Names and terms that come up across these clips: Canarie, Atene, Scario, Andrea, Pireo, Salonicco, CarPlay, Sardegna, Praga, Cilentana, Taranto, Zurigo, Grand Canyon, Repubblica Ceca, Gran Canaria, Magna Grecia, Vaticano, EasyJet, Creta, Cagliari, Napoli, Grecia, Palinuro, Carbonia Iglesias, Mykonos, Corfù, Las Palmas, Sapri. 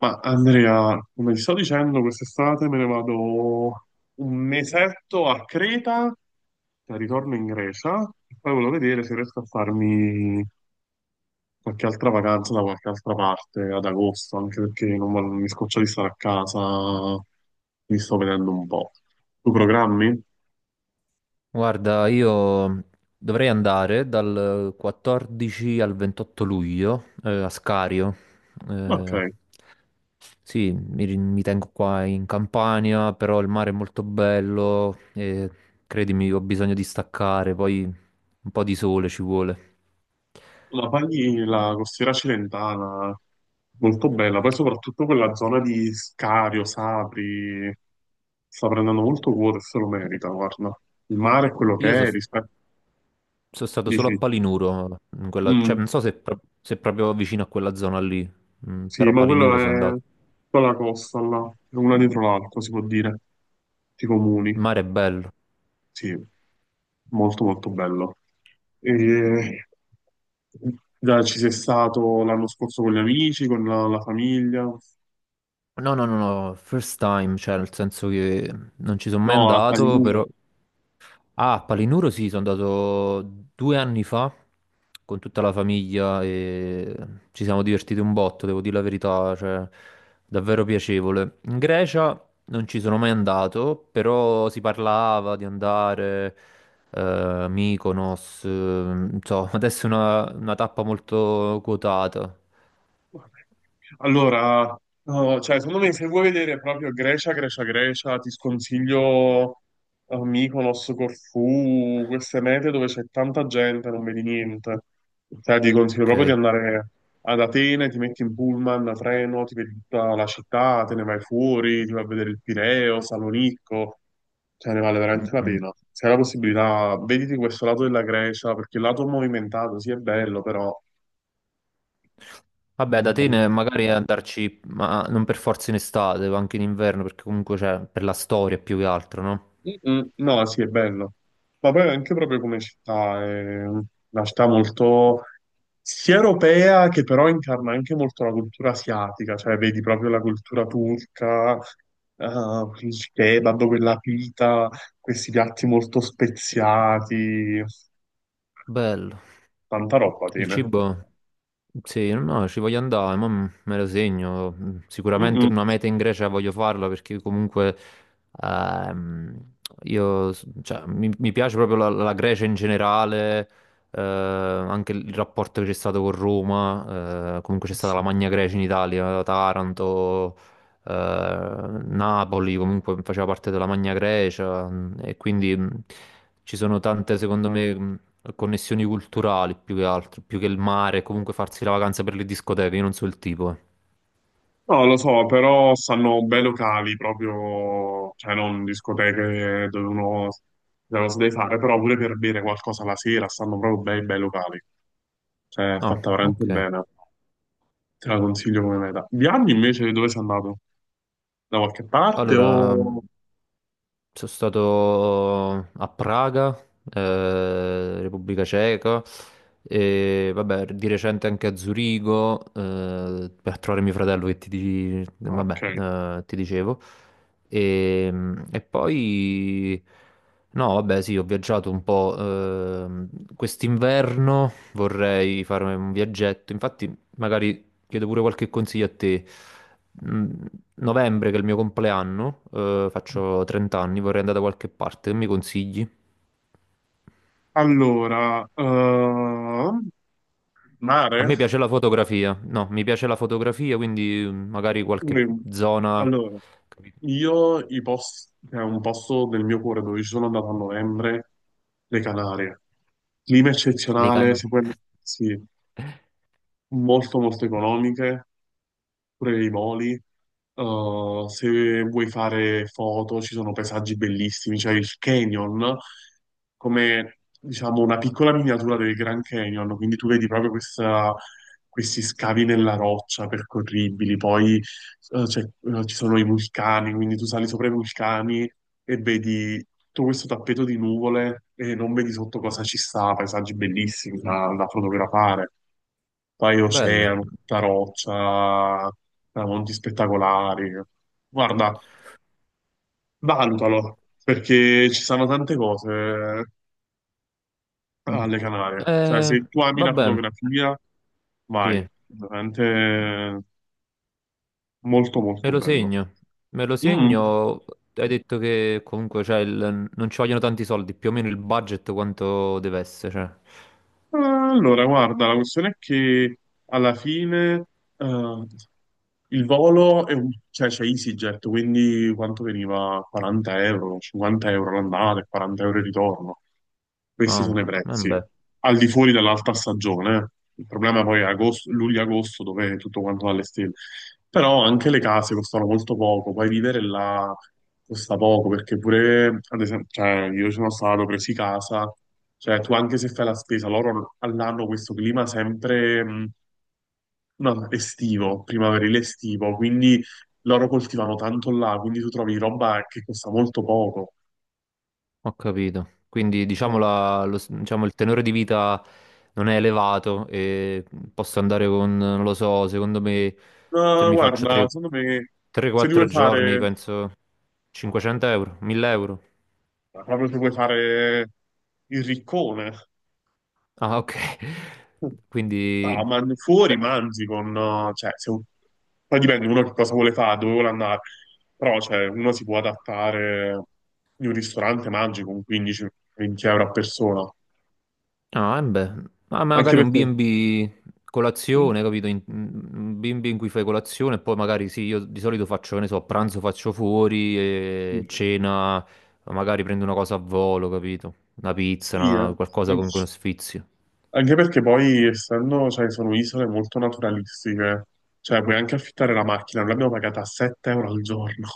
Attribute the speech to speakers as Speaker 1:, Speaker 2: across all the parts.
Speaker 1: Ma Andrea, come ti sto dicendo, quest'estate me ne vado un mesetto a Creta, poi ritorno in Grecia e poi volevo vedere se riesco a farmi qualche altra vacanza da qualche altra parte ad agosto, anche perché non vo- mi scoccio di stare a casa, mi sto vedendo un po'. Tu programmi?
Speaker 2: Guarda, io dovrei andare dal 14 al 28 luglio a Scario.
Speaker 1: Ok.
Speaker 2: Eh, sì, mi tengo qua in Campania, però il mare è molto bello e credimi, ho bisogno di staccare, poi un po' di sole ci vuole.
Speaker 1: La paghi la costiera cilentana, molto bella, poi soprattutto quella zona di Scario, Sapri, sta prendendo molto quota e se lo merita, guarda. Il mare è quello che
Speaker 2: Io
Speaker 1: è, rispetto...
Speaker 2: sono stato solo a
Speaker 1: Dici,
Speaker 2: Palinuro, cioè
Speaker 1: mm,
Speaker 2: non so se proprio vicino a quella zona lì,
Speaker 1: sì,
Speaker 2: però a
Speaker 1: ma quello
Speaker 2: Palinuro sono
Speaker 1: è
Speaker 2: andato.
Speaker 1: tutta la costa, là. È una dietro l'altra, si può dire, i comuni.
Speaker 2: Il mare è bello.
Speaker 1: Sì, molto molto bello. E... Già ci sei stato l'anno scorso con gli amici, con la famiglia.
Speaker 2: No, no, no, no, first time, cioè nel senso che non ci sono mai
Speaker 1: No, a
Speaker 2: andato,
Speaker 1: Palinuro.
Speaker 2: però. Ah, a Palinuro sì, sono andato 2 anni fa con tutta la famiglia e ci siamo divertiti un botto, devo dire la verità, cioè davvero piacevole. In Grecia non ci sono mai andato, però si parlava di andare, Mykonos, non so, adesso è una tappa molto quotata,
Speaker 1: Allora, no, cioè, secondo me se vuoi vedere proprio Grecia, Grecia, Grecia, ti sconsiglio Mykonos, Corfù, queste mete dove c'è tanta gente, non vedi niente. Cioè, ti consiglio proprio di
Speaker 2: ok?
Speaker 1: andare ad Atene, ti metti in pullman, a treno, ti vedi tutta la città, te ne vai fuori, ti vai a vedere il Pireo, Salonicco, cioè ne vale
Speaker 2: Mm,
Speaker 1: veramente la
Speaker 2: mm.
Speaker 1: pena. Se hai la possibilità, vediti questo lato della Grecia, perché il lato movimentato sì è bello, però...
Speaker 2: Vabbè, da Atene magari andarci, ma non per forza in estate, ma anche in inverno, perché comunque c'è per la storia più che altro, no?
Speaker 1: Mm, no, sì, è bello. Ma poi anche proprio come città, è una città molto sia europea che però incarna anche molto la cultura asiatica, cioè vedi proprio la cultura turca, eh, il kebab, quella pita, questi piatti molto speziati,
Speaker 2: Bello.
Speaker 1: tanta roba
Speaker 2: Il
Speaker 1: tiene.
Speaker 2: cibo? Sì, no, no, ci voglio andare, ma me lo segno.
Speaker 1: Mm,
Speaker 2: Sicuramente
Speaker 1: mm.
Speaker 2: una meta in Grecia voglio farla perché comunque ehm, cioè, mi piace proprio la Grecia in generale, anche il rapporto che c'è stato con Roma, comunque c'è stata la
Speaker 1: Sì.
Speaker 2: Magna Grecia in Italia, Taranto, eh, Napoli comunque faceva parte della Magna Grecia, e quindi. Ci sono tante, secondo me, connessioni culturali più che altro, più che il mare, comunque farsi la vacanza per le discoteche, io non so il tipo. Eh.
Speaker 1: No, lo so, però stanno bei locali proprio, cioè non discoteche dove uno dove si deve fare, però pure per bere qualcosa la sera stanno proprio bei bei locali. Cioè, è
Speaker 2: Ah,
Speaker 1: fatta veramente
Speaker 2: ok.
Speaker 1: bene. Te la consiglio come meta. Viaggi invece dove sei andato? Da qualche parte
Speaker 2: Allora,
Speaker 1: o...
Speaker 2: sono stato a Praga, Repubblica Ceca, e vabbè, di recente anche a Zurigo, per trovare mio fratello vabbè,
Speaker 1: Ok.
Speaker 2: ti dicevo. E, e poi, no, vabbè, sì, ho viaggiato un po'. Quest'inverno vorrei farmi un viaggetto, infatti magari chiedo pure qualche consiglio a te. Mm, Novembre, che è il mio compleanno, faccio 30 anni, vorrei andare da qualche parte, che mi consigli?
Speaker 1: Allora,
Speaker 2: A
Speaker 1: mare?
Speaker 2: me piace la fotografia, no, mi piace la fotografia, quindi magari qualche
Speaker 1: Mm.
Speaker 2: zona.
Speaker 1: Allora,
Speaker 2: Capito.
Speaker 1: io i posti, è un posto del mio cuore dove ci sono andato a novembre, le Canarie. Clima
Speaker 2: Le
Speaker 1: eccezionale,
Speaker 2: canne.
Speaker 1: si può, sì, molto molto economiche, pure i voli. Se vuoi fare foto, ci sono paesaggi bellissimi, c'è il canyon, come diciamo una piccola miniatura del Grand Canyon, quindi tu vedi proprio questa- questi scavi nella roccia percorribili, poi ci sono i vulcani, quindi tu sali sopra i vulcani e vedi tutto questo tappeto di nuvole e non vedi sotto cosa ci sta, paesaggi bellissimi da fotografare, poi
Speaker 2: Bello.
Speaker 1: oceano, tutta roccia, monti spettacolari. Guarda, valutalo, perché ci sono tante cose
Speaker 2: Mm.
Speaker 1: alle Canarie. Cioè,
Speaker 2: Eh,
Speaker 1: se tu ami la
Speaker 2: vabbè,
Speaker 1: fotografia, vai,
Speaker 2: sì,
Speaker 1: veramente molto
Speaker 2: me
Speaker 1: molto
Speaker 2: lo
Speaker 1: bello.
Speaker 2: segno, me lo
Speaker 1: Mm.
Speaker 2: segno. Hai detto che comunque cioè, non ci vogliono tanti soldi, più o meno il budget quanto deve essere. Cioè.
Speaker 1: Allora, guarda, la questione è che alla fine eh, il volo è un... cioè c'è EasyJet, quindi quanto veniva? 40€, 50€ l'andata e 40€ il ritorno. Questi
Speaker 2: Ah,
Speaker 1: sono i prezzi,
Speaker 2: vabbè.
Speaker 1: al di fuori dell'alta stagione. Eh. Il problema poi è agosto, luglio-agosto, dove è tutto quanto va alle stelle. Però anche le case costano molto poco, poi vivere là costa poco, perché pure, ad esempio, cioè, io sono stato presi casa. Cioè, tu anche se fai la spesa, loro all'anno questo clima sempre no, estivo, primaverile estivo, quindi loro coltivano tanto là, quindi tu trovi roba che costa molto poco.
Speaker 2: Ho capito. Quindi diciamo,
Speaker 1: No.
Speaker 2: il tenore di vita non è elevato e posso andare con, non lo so, secondo me se
Speaker 1: No,
Speaker 2: mi faccio
Speaker 1: guarda, secondo me, se ti
Speaker 2: 3-4
Speaker 1: vuoi
Speaker 2: giorni,
Speaker 1: fare,
Speaker 2: penso 500 euro, 1.000 euro.
Speaker 1: proprio se vuoi fare il riccone,
Speaker 2: Ah, ok. Quindi.
Speaker 1: Fuori mangi con... cioè, se... Poi dipende uno che cosa vuole fare, dove vuole andare. Però, cioè, uno si può adattare in un ristorante, mangi con 15-20€ a persona.
Speaker 2: Ah, eh beh, ma
Speaker 1: Anche
Speaker 2: magari un
Speaker 1: perché...
Speaker 2: B&B colazione, capito? Un B&B in cui fai colazione e poi magari sì, io di solito faccio, che ne so, a pranzo faccio fuori e cena, magari prendo una cosa a volo, capito? Una pizza,
Speaker 1: Sì, eh.
Speaker 2: qualcosa comunque uno sfizio.
Speaker 1: Anche perché poi, essendo, cioè, sono isole molto naturalistiche, cioè, puoi anche affittare la macchina. Noi l'abbiamo pagata a 7€ al giorno.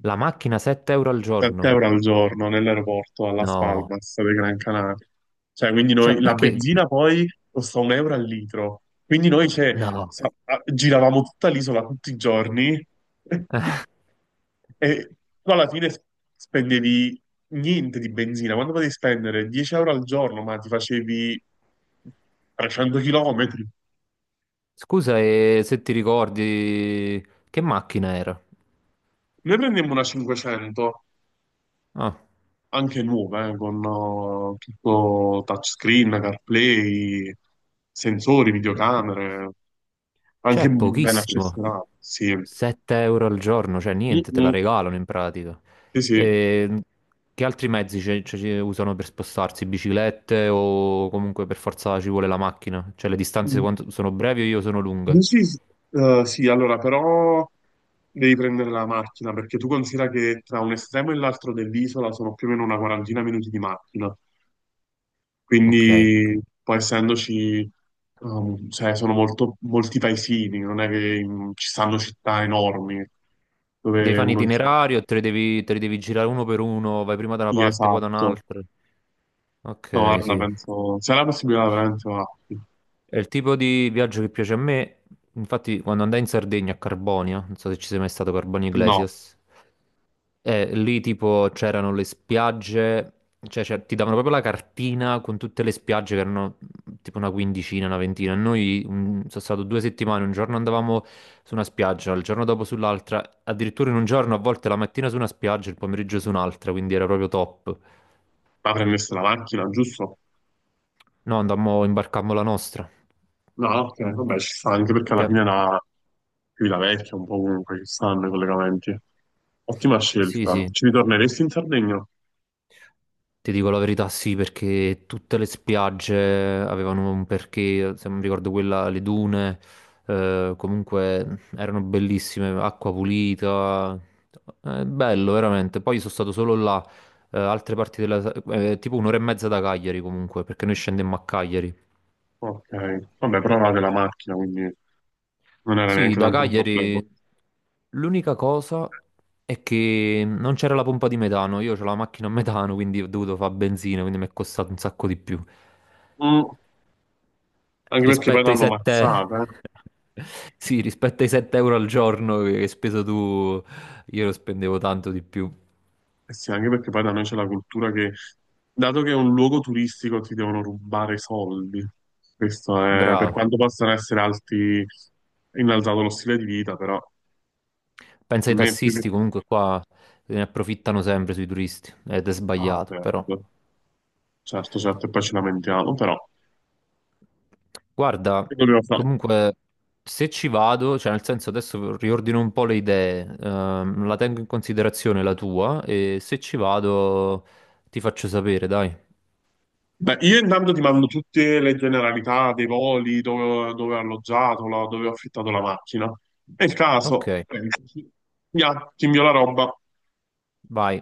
Speaker 2: La macchina 7 euro al
Speaker 1: 7
Speaker 2: giorno?
Speaker 1: euro al giorno nell'aeroporto a Las
Speaker 2: No.
Speaker 1: Palmas dei Gran Canaria. Cioè, quindi
Speaker 2: Cioè,
Speaker 1: noi la
Speaker 2: perché?
Speaker 1: benzina poi costa un euro al litro. Quindi noi cioè,
Speaker 2: No.
Speaker 1: giravamo tutta l'isola tutti i giorni e tu alla fine s- spendevi niente di benzina. Quando potevi spendere 10€ al giorno, ma ti facevi 300 chilometri.
Speaker 2: Scusa, e se ti ricordi che macchina era?
Speaker 1: Noi prendemmo una 500
Speaker 2: Ah,
Speaker 1: anche nuove, con tutto touchscreen, CarPlay, sensori,
Speaker 2: ok.
Speaker 1: videocamere, anche
Speaker 2: Cioè,
Speaker 1: ben
Speaker 2: pochissimo.
Speaker 1: accessionato, sì.
Speaker 2: 7 euro al giorno, cioè niente, te la
Speaker 1: Mm-mm.
Speaker 2: regalano in pratica.
Speaker 1: Sì, sì.
Speaker 2: E che altri mezzi ci usano per spostarsi? Biciclette o comunque per forza ci vuole la macchina? Cioè le distanze
Speaker 1: Mm.
Speaker 2: sono brevi o io sono lunghe?
Speaker 1: Dici, sì, allora, però devi prendere la macchina, perché tu considera che tra un estremo e l'altro dell'isola sono più o meno una quarantina minuti di macchina.
Speaker 2: Ok.
Speaker 1: Quindi, poi essendoci, cioè, sono molto, molti paesini, non è che ci stanno città enormi
Speaker 2: Devi
Speaker 1: dove
Speaker 2: fare un
Speaker 1: uno sa.
Speaker 2: itinerario, te li devi girare uno per uno, vai prima da una
Speaker 1: Sì,
Speaker 2: parte, poi da
Speaker 1: esatto.
Speaker 2: un'altra.
Speaker 1: No,
Speaker 2: Ok,
Speaker 1: guarda,
Speaker 2: sì.
Speaker 1: penso, se hai la possibilità veramente va.
Speaker 2: È il tipo di viaggio che piace a me. Infatti, quando andai in Sardegna a Carbonia, non so se ci sei mai stato, Carbonia
Speaker 1: No,
Speaker 2: Iglesias. Lì tipo c'erano le spiagge, cioè, ti davano proprio la cartina con tutte le spiagge che erano tipo una quindicina, una ventina. Noi, sono stato 2 settimane, un giorno andavamo su una spiaggia, il giorno dopo sull'altra, addirittura in un giorno a volte la mattina su una spiaggia, il pomeriggio su un'altra, quindi era proprio top.
Speaker 1: ma prendersi la macchina, giusto?
Speaker 2: No, andammo, imbarcammo la nostra.
Speaker 1: No, ok, vabbè, ci sta anche perché alla
Speaker 2: Perché.
Speaker 1: fine la qui la vecchia, un po' comunque ci stanno i collegamenti. Ottima
Speaker 2: Sì,
Speaker 1: scelta.
Speaker 2: sì,
Speaker 1: Ci ritorneresti in Sardegna?
Speaker 2: ti dico la verità, sì, perché tutte le spiagge avevano un perché, se non ricordo quella, le dune, comunque erano bellissime, acqua pulita, bello veramente. Poi sono stato solo là, altre parti della, tipo un'ora e mezza da Cagliari comunque, perché noi scendemmo a Cagliari.
Speaker 1: Ok, vabbè, però avevate la macchina, quindi non era
Speaker 2: Sì,
Speaker 1: neanche
Speaker 2: da
Speaker 1: tanto un problema.
Speaker 2: Cagliari l'unica cosa è che non c'era la pompa di metano, io ho la macchina a metano, quindi ho dovuto fare benzina, quindi mi è costato un sacco di più.
Speaker 1: Mm, anche perché poi
Speaker 2: Rispetto ai
Speaker 1: l'hanno
Speaker 2: 7.
Speaker 1: mazzata, eh.
Speaker 2: Sì, rispetto ai 7 euro al giorno che hai speso tu, io lo spendevo tanto di più.
Speaker 1: Eh sì, anche perché poi da noi c'è la cultura che, dato che è un luogo turistico, ti devono rubare i soldi. Questo è, per
Speaker 2: Bravo.
Speaker 1: quanto possano essere alti, innalzato lo stile di vita, però a
Speaker 2: Pensa ai
Speaker 1: me è più
Speaker 2: tassisti,
Speaker 1: che...
Speaker 2: comunque qua se ne approfittano sempre sui turisti, ed è
Speaker 1: Ah,
Speaker 2: sbagliato, però.
Speaker 1: certo, certo, certo, e poi ci lamentiamo, però...
Speaker 2: Guarda,
Speaker 1: che dobbiamo fare?
Speaker 2: comunque se ci vado, cioè nel senso adesso riordino un po' le idee, la tengo in considerazione la tua e se ci vado ti faccio sapere, dai.
Speaker 1: Beh, io intanto ti mando tutte le generalità dei voli, dove, dove ho alloggiato, dove ho affittato la macchina. Nel
Speaker 2: Ok,
Speaker 1: caso, pensaci. Ya, ti invio la roba.
Speaker 2: vai.